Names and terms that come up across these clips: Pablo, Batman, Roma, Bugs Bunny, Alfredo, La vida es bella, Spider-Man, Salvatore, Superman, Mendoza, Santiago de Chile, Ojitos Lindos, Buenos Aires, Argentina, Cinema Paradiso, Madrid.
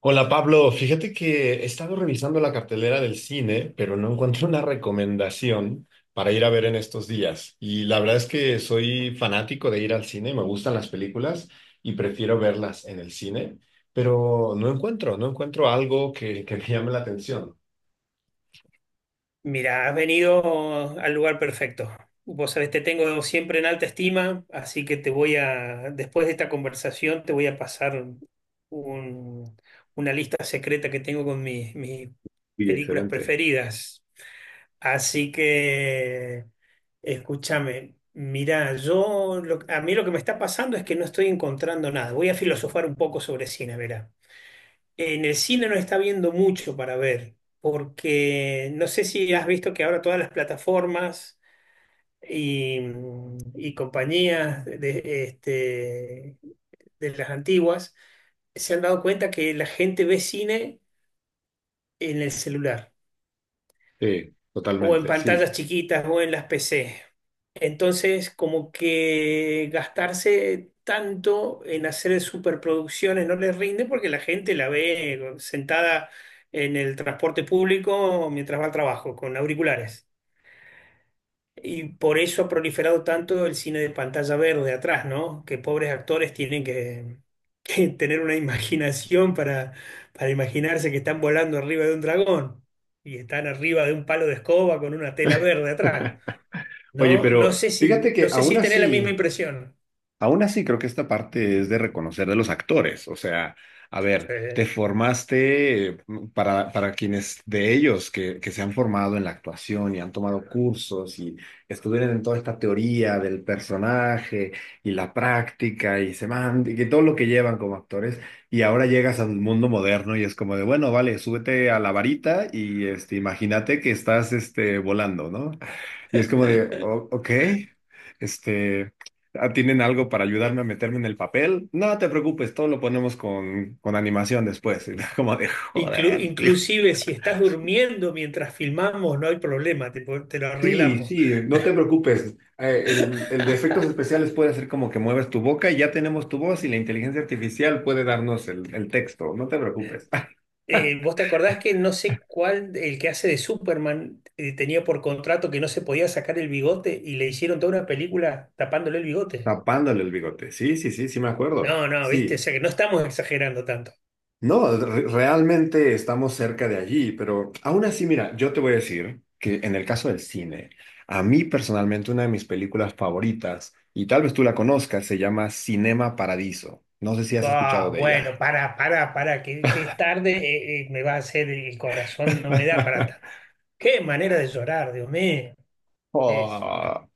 Hola Pablo, fíjate que he estado revisando la cartelera del cine, pero no encuentro una recomendación para ir a ver en estos días. Y la verdad es que soy fanático de ir al cine, me gustan las películas y prefiero verlas en el cine, pero no encuentro algo que me llame la atención. Mira, has venido al lugar perfecto. Vos sabés, te tengo siempre en alta estima, así que te voy a, después de esta conversación, te voy a pasar un- una lista secreta que tengo con mis Sí, películas excelente. preferidas. Así que, escúchame, mira, yo, a mí lo que me está pasando es que no estoy encontrando nada. Voy a filosofar un poco sobre cine, verá. En el cine no está viendo mucho para ver, porque no sé si has visto que ahora todas las plataformas y, y compañías de, de las antiguas se han dado cuenta que la gente ve cine en el celular, Sí, o en totalmente, sí. pantallas chiquitas o en las PC. Entonces, como que gastarse tanto en hacer superproducciones no les rinde porque la gente la ve sentada en el transporte público mientras va al trabajo con auriculares. Y por eso ha proliferado tanto el cine de pantalla verde atrás, ¿no? Que pobres actores tienen que, que tener una imaginación para imaginarse que están volando arriba de un dragón y están arriba de un palo de escoba con una tela verde atrás. Oye, No, pero fíjate no que sé aún si tenés la misma así... impresión. Aún así, creo que esta parte es de reconocer de los actores. O sea, a ver, te Sí. formaste para quienes de ellos que se han formado en la actuación y han tomado cursos y estuvieron en toda esta teoría del personaje y la práctica y y que todo lo que llevan como actores. Y ahora llegas al mundo moderno y es como de, bueno, vale, súbete a la varita y este, imagínate que estás este, volando, ¿no? Y es como de, ok. Este, ah, ¿tienen algo para ayudarme a meterme en el papel? No te preocupes, todo lo ponemos con animación después. Y como de joder, tío. Inclusive si estás durmiendo mientras filmamos, no hay problema, te lo Sí, arreglamos. sí, no te preocupes. El de efectos especiales puede hacer como que mueves tu boca y ya tenemos tu voz y la inteligencia artificial puede darnos el texto. No te preocupes. ¿Vos te acordás que no sé cuál, el que hace de Superman, tenía por contrato que no se podía sacar el bigote y le hicieron toda una película tapándole el bigote? Tapándole el bigote. Sí, sí, sí, sí me acuerdo. No, no, viste, o Sí. sea que no estamos exagerando tanto. No, realmente estamos cerca de allí, pero aún así, mira, yo te voy a decir que en el caso del cine, a mí personalmente una de mis películas favoritas, y tal vez tú la conozcas, se llama Cinema Paradiso. No sé si has escuchado Ah, de ella. bueno, para, que es tarde, me va a hacer el corazón, no me da para tanto. Qué manera de llorar, Dios mío. Es- Oh.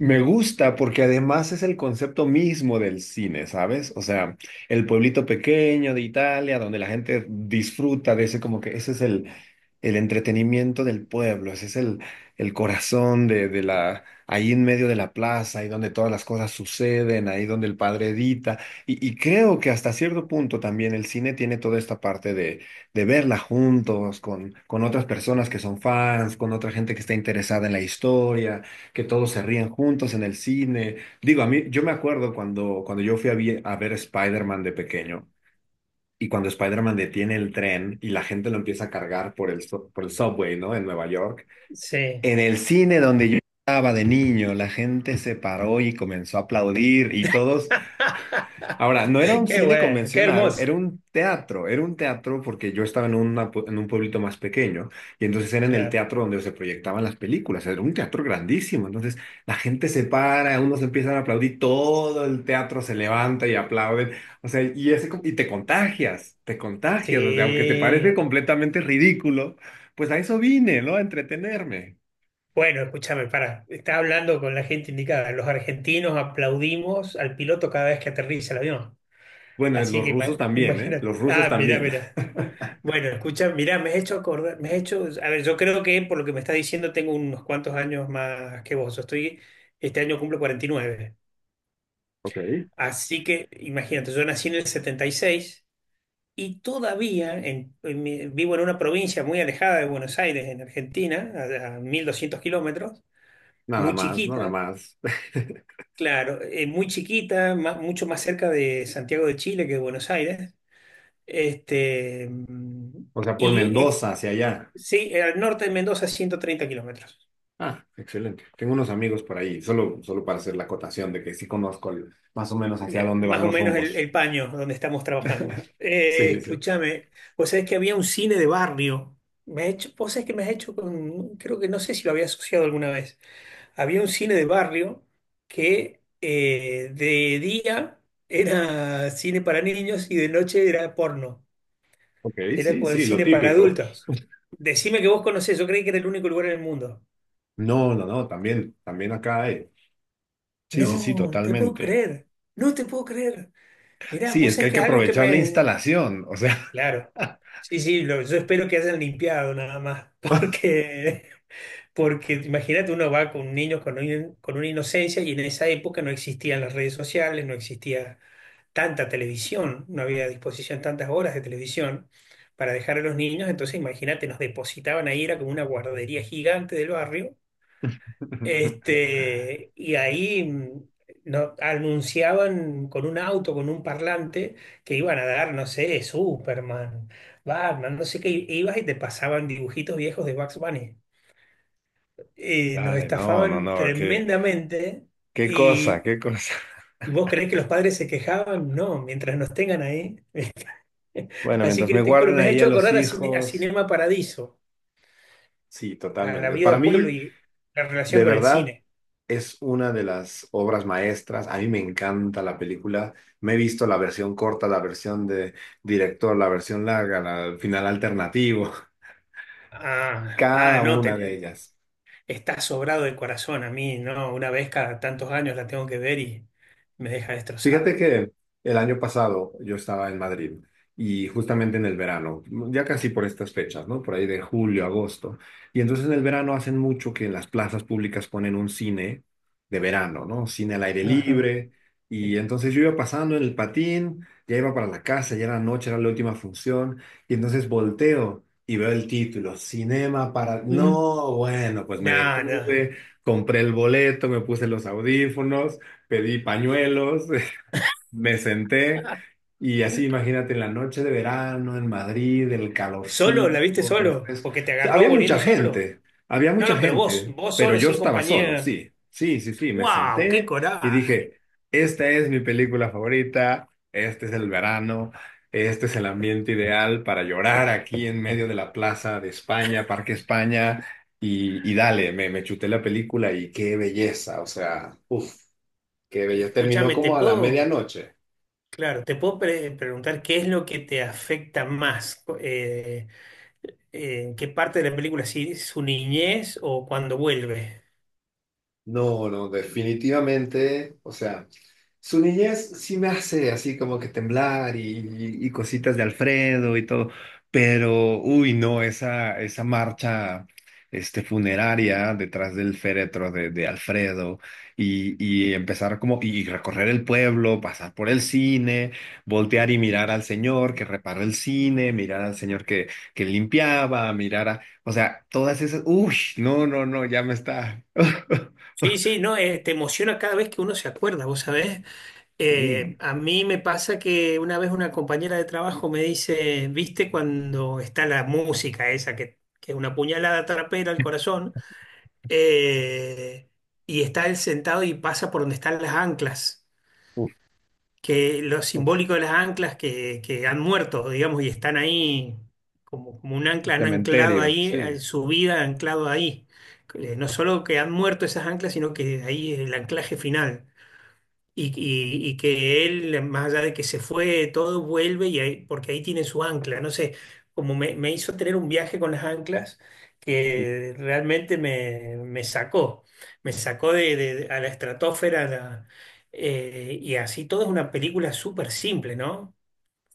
Me gusta porque además es el concepto mismo del cine, ¿sabes? O sea, el pueblito pequeño de Italia, donde la gente disfruta de ese, como que ese es el entretenimiento del pueblo, ese es el corazón de la, ahí en medio de la plaza, ahí donde todas las cosas suceden, ahí donde el padre edita. Y creo que hasta cierto punto también el cine tiene toda esta parte de verla juntos, con otras personas que son fans, con otra gente que está interesada en la historia que todos se rían juntos en el cine. Digo, a mí, yo me acuerdo cuando yo fui a, a ver Spider-Man de pequeño y cuando Spider-Man detiene el tren y la gente lo empieza a cargar por por el subway, ¿no? En Nueva York. sí. En el cine donde yo estaba de niño, la gente se paró y comenzó a aplaudir y todos. Ahora, no era un Qué cine bueno, qué convencional, hermoso. Era un teatro porque yo estaba en, en un pueblito más pequeño y entonces era en el Claro. teatro donde se proyectaban las películas, era un teatro grandísimo, entonces la gente se para, unos empiezan a aplaudir, todo el teatro se levanta y aplauden, o sea, y, ese, y te contagias, o sea, aunque te parece Sí, completamente ridículo, pues a eso vine, ¿no? A entretenerme. bueno, escúchame, para, está hablando con la gente indicada. Los argentinos aplaudimos al piloto cada vez que aterriza el avión. Bueno, Así los que rusos también, ¿eh? imagínate. Los rusos Ah, mirá, también. mirá. Bueno, escucha, mirá, me has hecho acordar, me has hecho, a ver, yo creo que por lo que me estás diciendo tengo unos cuantos años más que vos. Yo estoy, este año cumplo 49. Ok. Así que imagínate, yo nací en el 76 y todavía vivo en una provincia muy alejada de Buenos Aires, en Argentina, a 1200 kilómetros, Nada muy más, nada chiquita. más. Claro, muy chiquita, mucho más cerca de Santiago de Chile que de Buenos Aires. Este, mm, O sea, por y ex- Mendoza hacia allá. sí, al norte de Mendoza, 130 kilómetros. Ah, excelente. Tengo unos amigos por ahí, solo, solo para hacer la acotación de que sí conozco más o menos hacia Mira, dónde más van o los menos rumbos. el paño donde estamos trabajando. Sí, sí. Escúchame, vos sabés que había un cine de barrio. Me ha hecho, vos sabés que me has hecho con, creo que no sé si lo había asociado alguna vez. Había un cine de barrio que de día era cine para niños y de noche era porno. Ok, Era sí, con sí, lo cine para típico. adultos. Decime que vos conocés, yo creí que era el único lugar en el mundo. No, no, no, también, también acá hay. Sí, sí, sí, No, te puedo totalmente. creer. No te puedo creer. Mirá, Sí, vos es que sabés hay que que es algo que aprovechar la me... instalación, o sea. Claro. Sí, sí, yo espero que hayan limpiado nada más. Porque, porque imagínate, uno va con niños con, con una inocencia y en esa época no existían las redes sociales, no existía tanta televisión, no había a disposición tantas horas de televisión para dejar a los niños. Entonces, imagínate, nos depositaban ahí, era como una guardería gigante del barrio. Este, y ahí no, anunciaban con un auto, con un parlante, que iban a dar, no sé, Superman, Batman, no sé qué, y ibas y te pasaban dibujitos viejos de Bugs Bunny. Y nos Dale, no, no, estafaban no, qué, tremendamente qué cosa, y qué cosa. ¿vos creés que los padres se quejaban? No, mientras nos tengan ahí. Bueno, Así mientras que me te juro, guarden me has ahí a hecho los acordar a, a hijos, Cinema Paradiso, sí, a la totalmente. vida de Para pueblo mí. y la De relación con el verdad, cine. es una de las obras maestras. A mí me encanta la película. Me he visto la versión corta, la versión de director, la versión larga, el final alternativo, Ah, ah, cada no, una de ellas. está sobrado de corazón a mí, ¿no? Una vez cada tantos años la tengo que ver y me deja Fíjate destrozado. que el año pasado yo estaba en Madrid y justamente en el verano, ya casi por estas fechas, ¿no? Por ahí de julio, agosto. Y entonces en el verano hacen mucho que en las plazas públicas ponen un cine de verano, ¿no? Cine al aire Ajá. libre. Qué Y lindo. entonces yo iba pasando en el patín, ya iba para la casa, ya era noche, era la última función. Y entonces volteo y veo el título, Cinema para... Mm, No, bueno, pues me no, no. detuve, compré el boleto, me puse los audífonos, pedí pañuelos. Me senté Ah, y así, imagínate, en la noche de verano en Madrid, el ¿solo? ¿La viste calorcito, solo? refresco. ¿Porque te O sea, agarró volviendo solo? Había No, mucha no, pero vos, gente, vos pero solo, yo sin estaba solo, compañía. sí, sí, sí, sí. Me ¡Wow! ¡Qué senté y coraje! dije, esta es mi película favorita, este es el verano, este es el ambiente ideal para llorar aquí en medio de la plaza de España, Parque España, y dale, me chuté la película y qué belleza, o sea, uff, qué belleza. Terminó Escúchame, ¿te como a la puedo, medianoche. claro, te puedo preguntar qué es lo que te afecta más? ¿Qué parte de la película? ¿Si su niñez o cuando vuelve? No, no, definitivamente, o sea, su niñez sí me hace así como que temblar y, y cositas de Alfredo y todo, pero uy, no, esa marcha este, funeraria detrás del féretro de Alfredo y empezar como, y recorrer el pueblo, pasar por el cine, voltear y mirar al señor que reparó el cine, mirar al señor que limpiaba, mirar a, o sea, todas esas, uy, no, no, no, ya me está. Sí, sí, no, te emociona cada vez que uno se acuerda, ¿vos sabés? Sí. A mí me pasa que una vez una compañera de trabajo me dice, ¿viste cuando está la música esa que es una puñalada trapera al corazón? Eh, y está él sentado y pasa por donde están las anclas, Uf, que lo uf, simbólico de las anclas que han muerto, digamos, y están ahí como, como un ancla, han anclado cementerio, ahí, sí. Su vida han anclado ahí. No solo que han muerto esas anclas, sino que ahí es el anclaje final. Y que él, más allá de que se fue, todo vuelve y porque ahí tiene su ancla. No sé, como me hizo tener un viaje con las anclas que realmente me, me sacó a la estratosfera. Y así todo es una película súper simple, ¿no?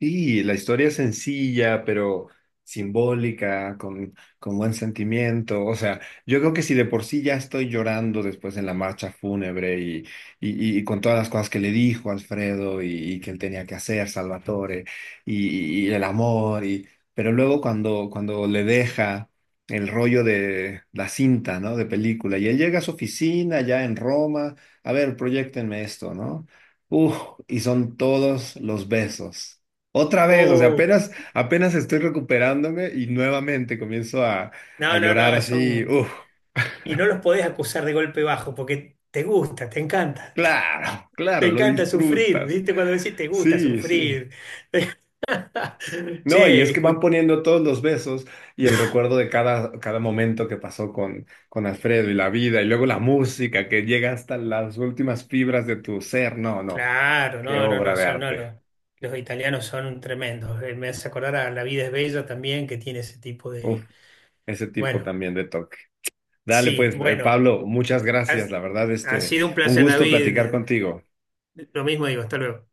Sí, la historia es sencilla, pero simbólica, con buen sentimiento. O sea, yo creo que si de por sí ya estoy llorando después en la marcha fúnebre y con todas las cosas que le dijo Alfredo y que él tenía que hacer, Salvatore, y el amor, y, pero luego cuando le deja el rollo de la cinta, ¿no? De película, y él llega a su oficina ya en Roma, a ver, proyectenme esto, ¿no? Uf, y son todos los besos. Otra vez, o sea, Oh, apenas, apenas estoy recuperándome y nuevamente comienzo a no, no, llorar no, así. son... Uf, Y no los podés acusar de golpe bajo porque te gusta, te encanta. claro, Te claro, lo encanta sufrir, disfrutas. ¿viste? Cuando decís te gusta Sí, sí. sufrir. No, y es Che, que van escuchá. poniendo todos los besos y el recuerdo de cada, cada momento que pasó con Alfredo y la vida, y luego la música que llega hasta las últimas fibras de tu ser. No, no, Claro, qué no, no, obra no, de son, no, arte. Los italianos son tremendos. Me hace acordar a La vida es bella también, que tiene ese tipo Uf, de... ese tipo Bueno, también de toque. Dale, sí, pues, bueno, Pablo, muchas gracias. has- La verdad, ha este, sido un un placer, gusto platicar David. contigo. Lo mismo digo, hasta luego.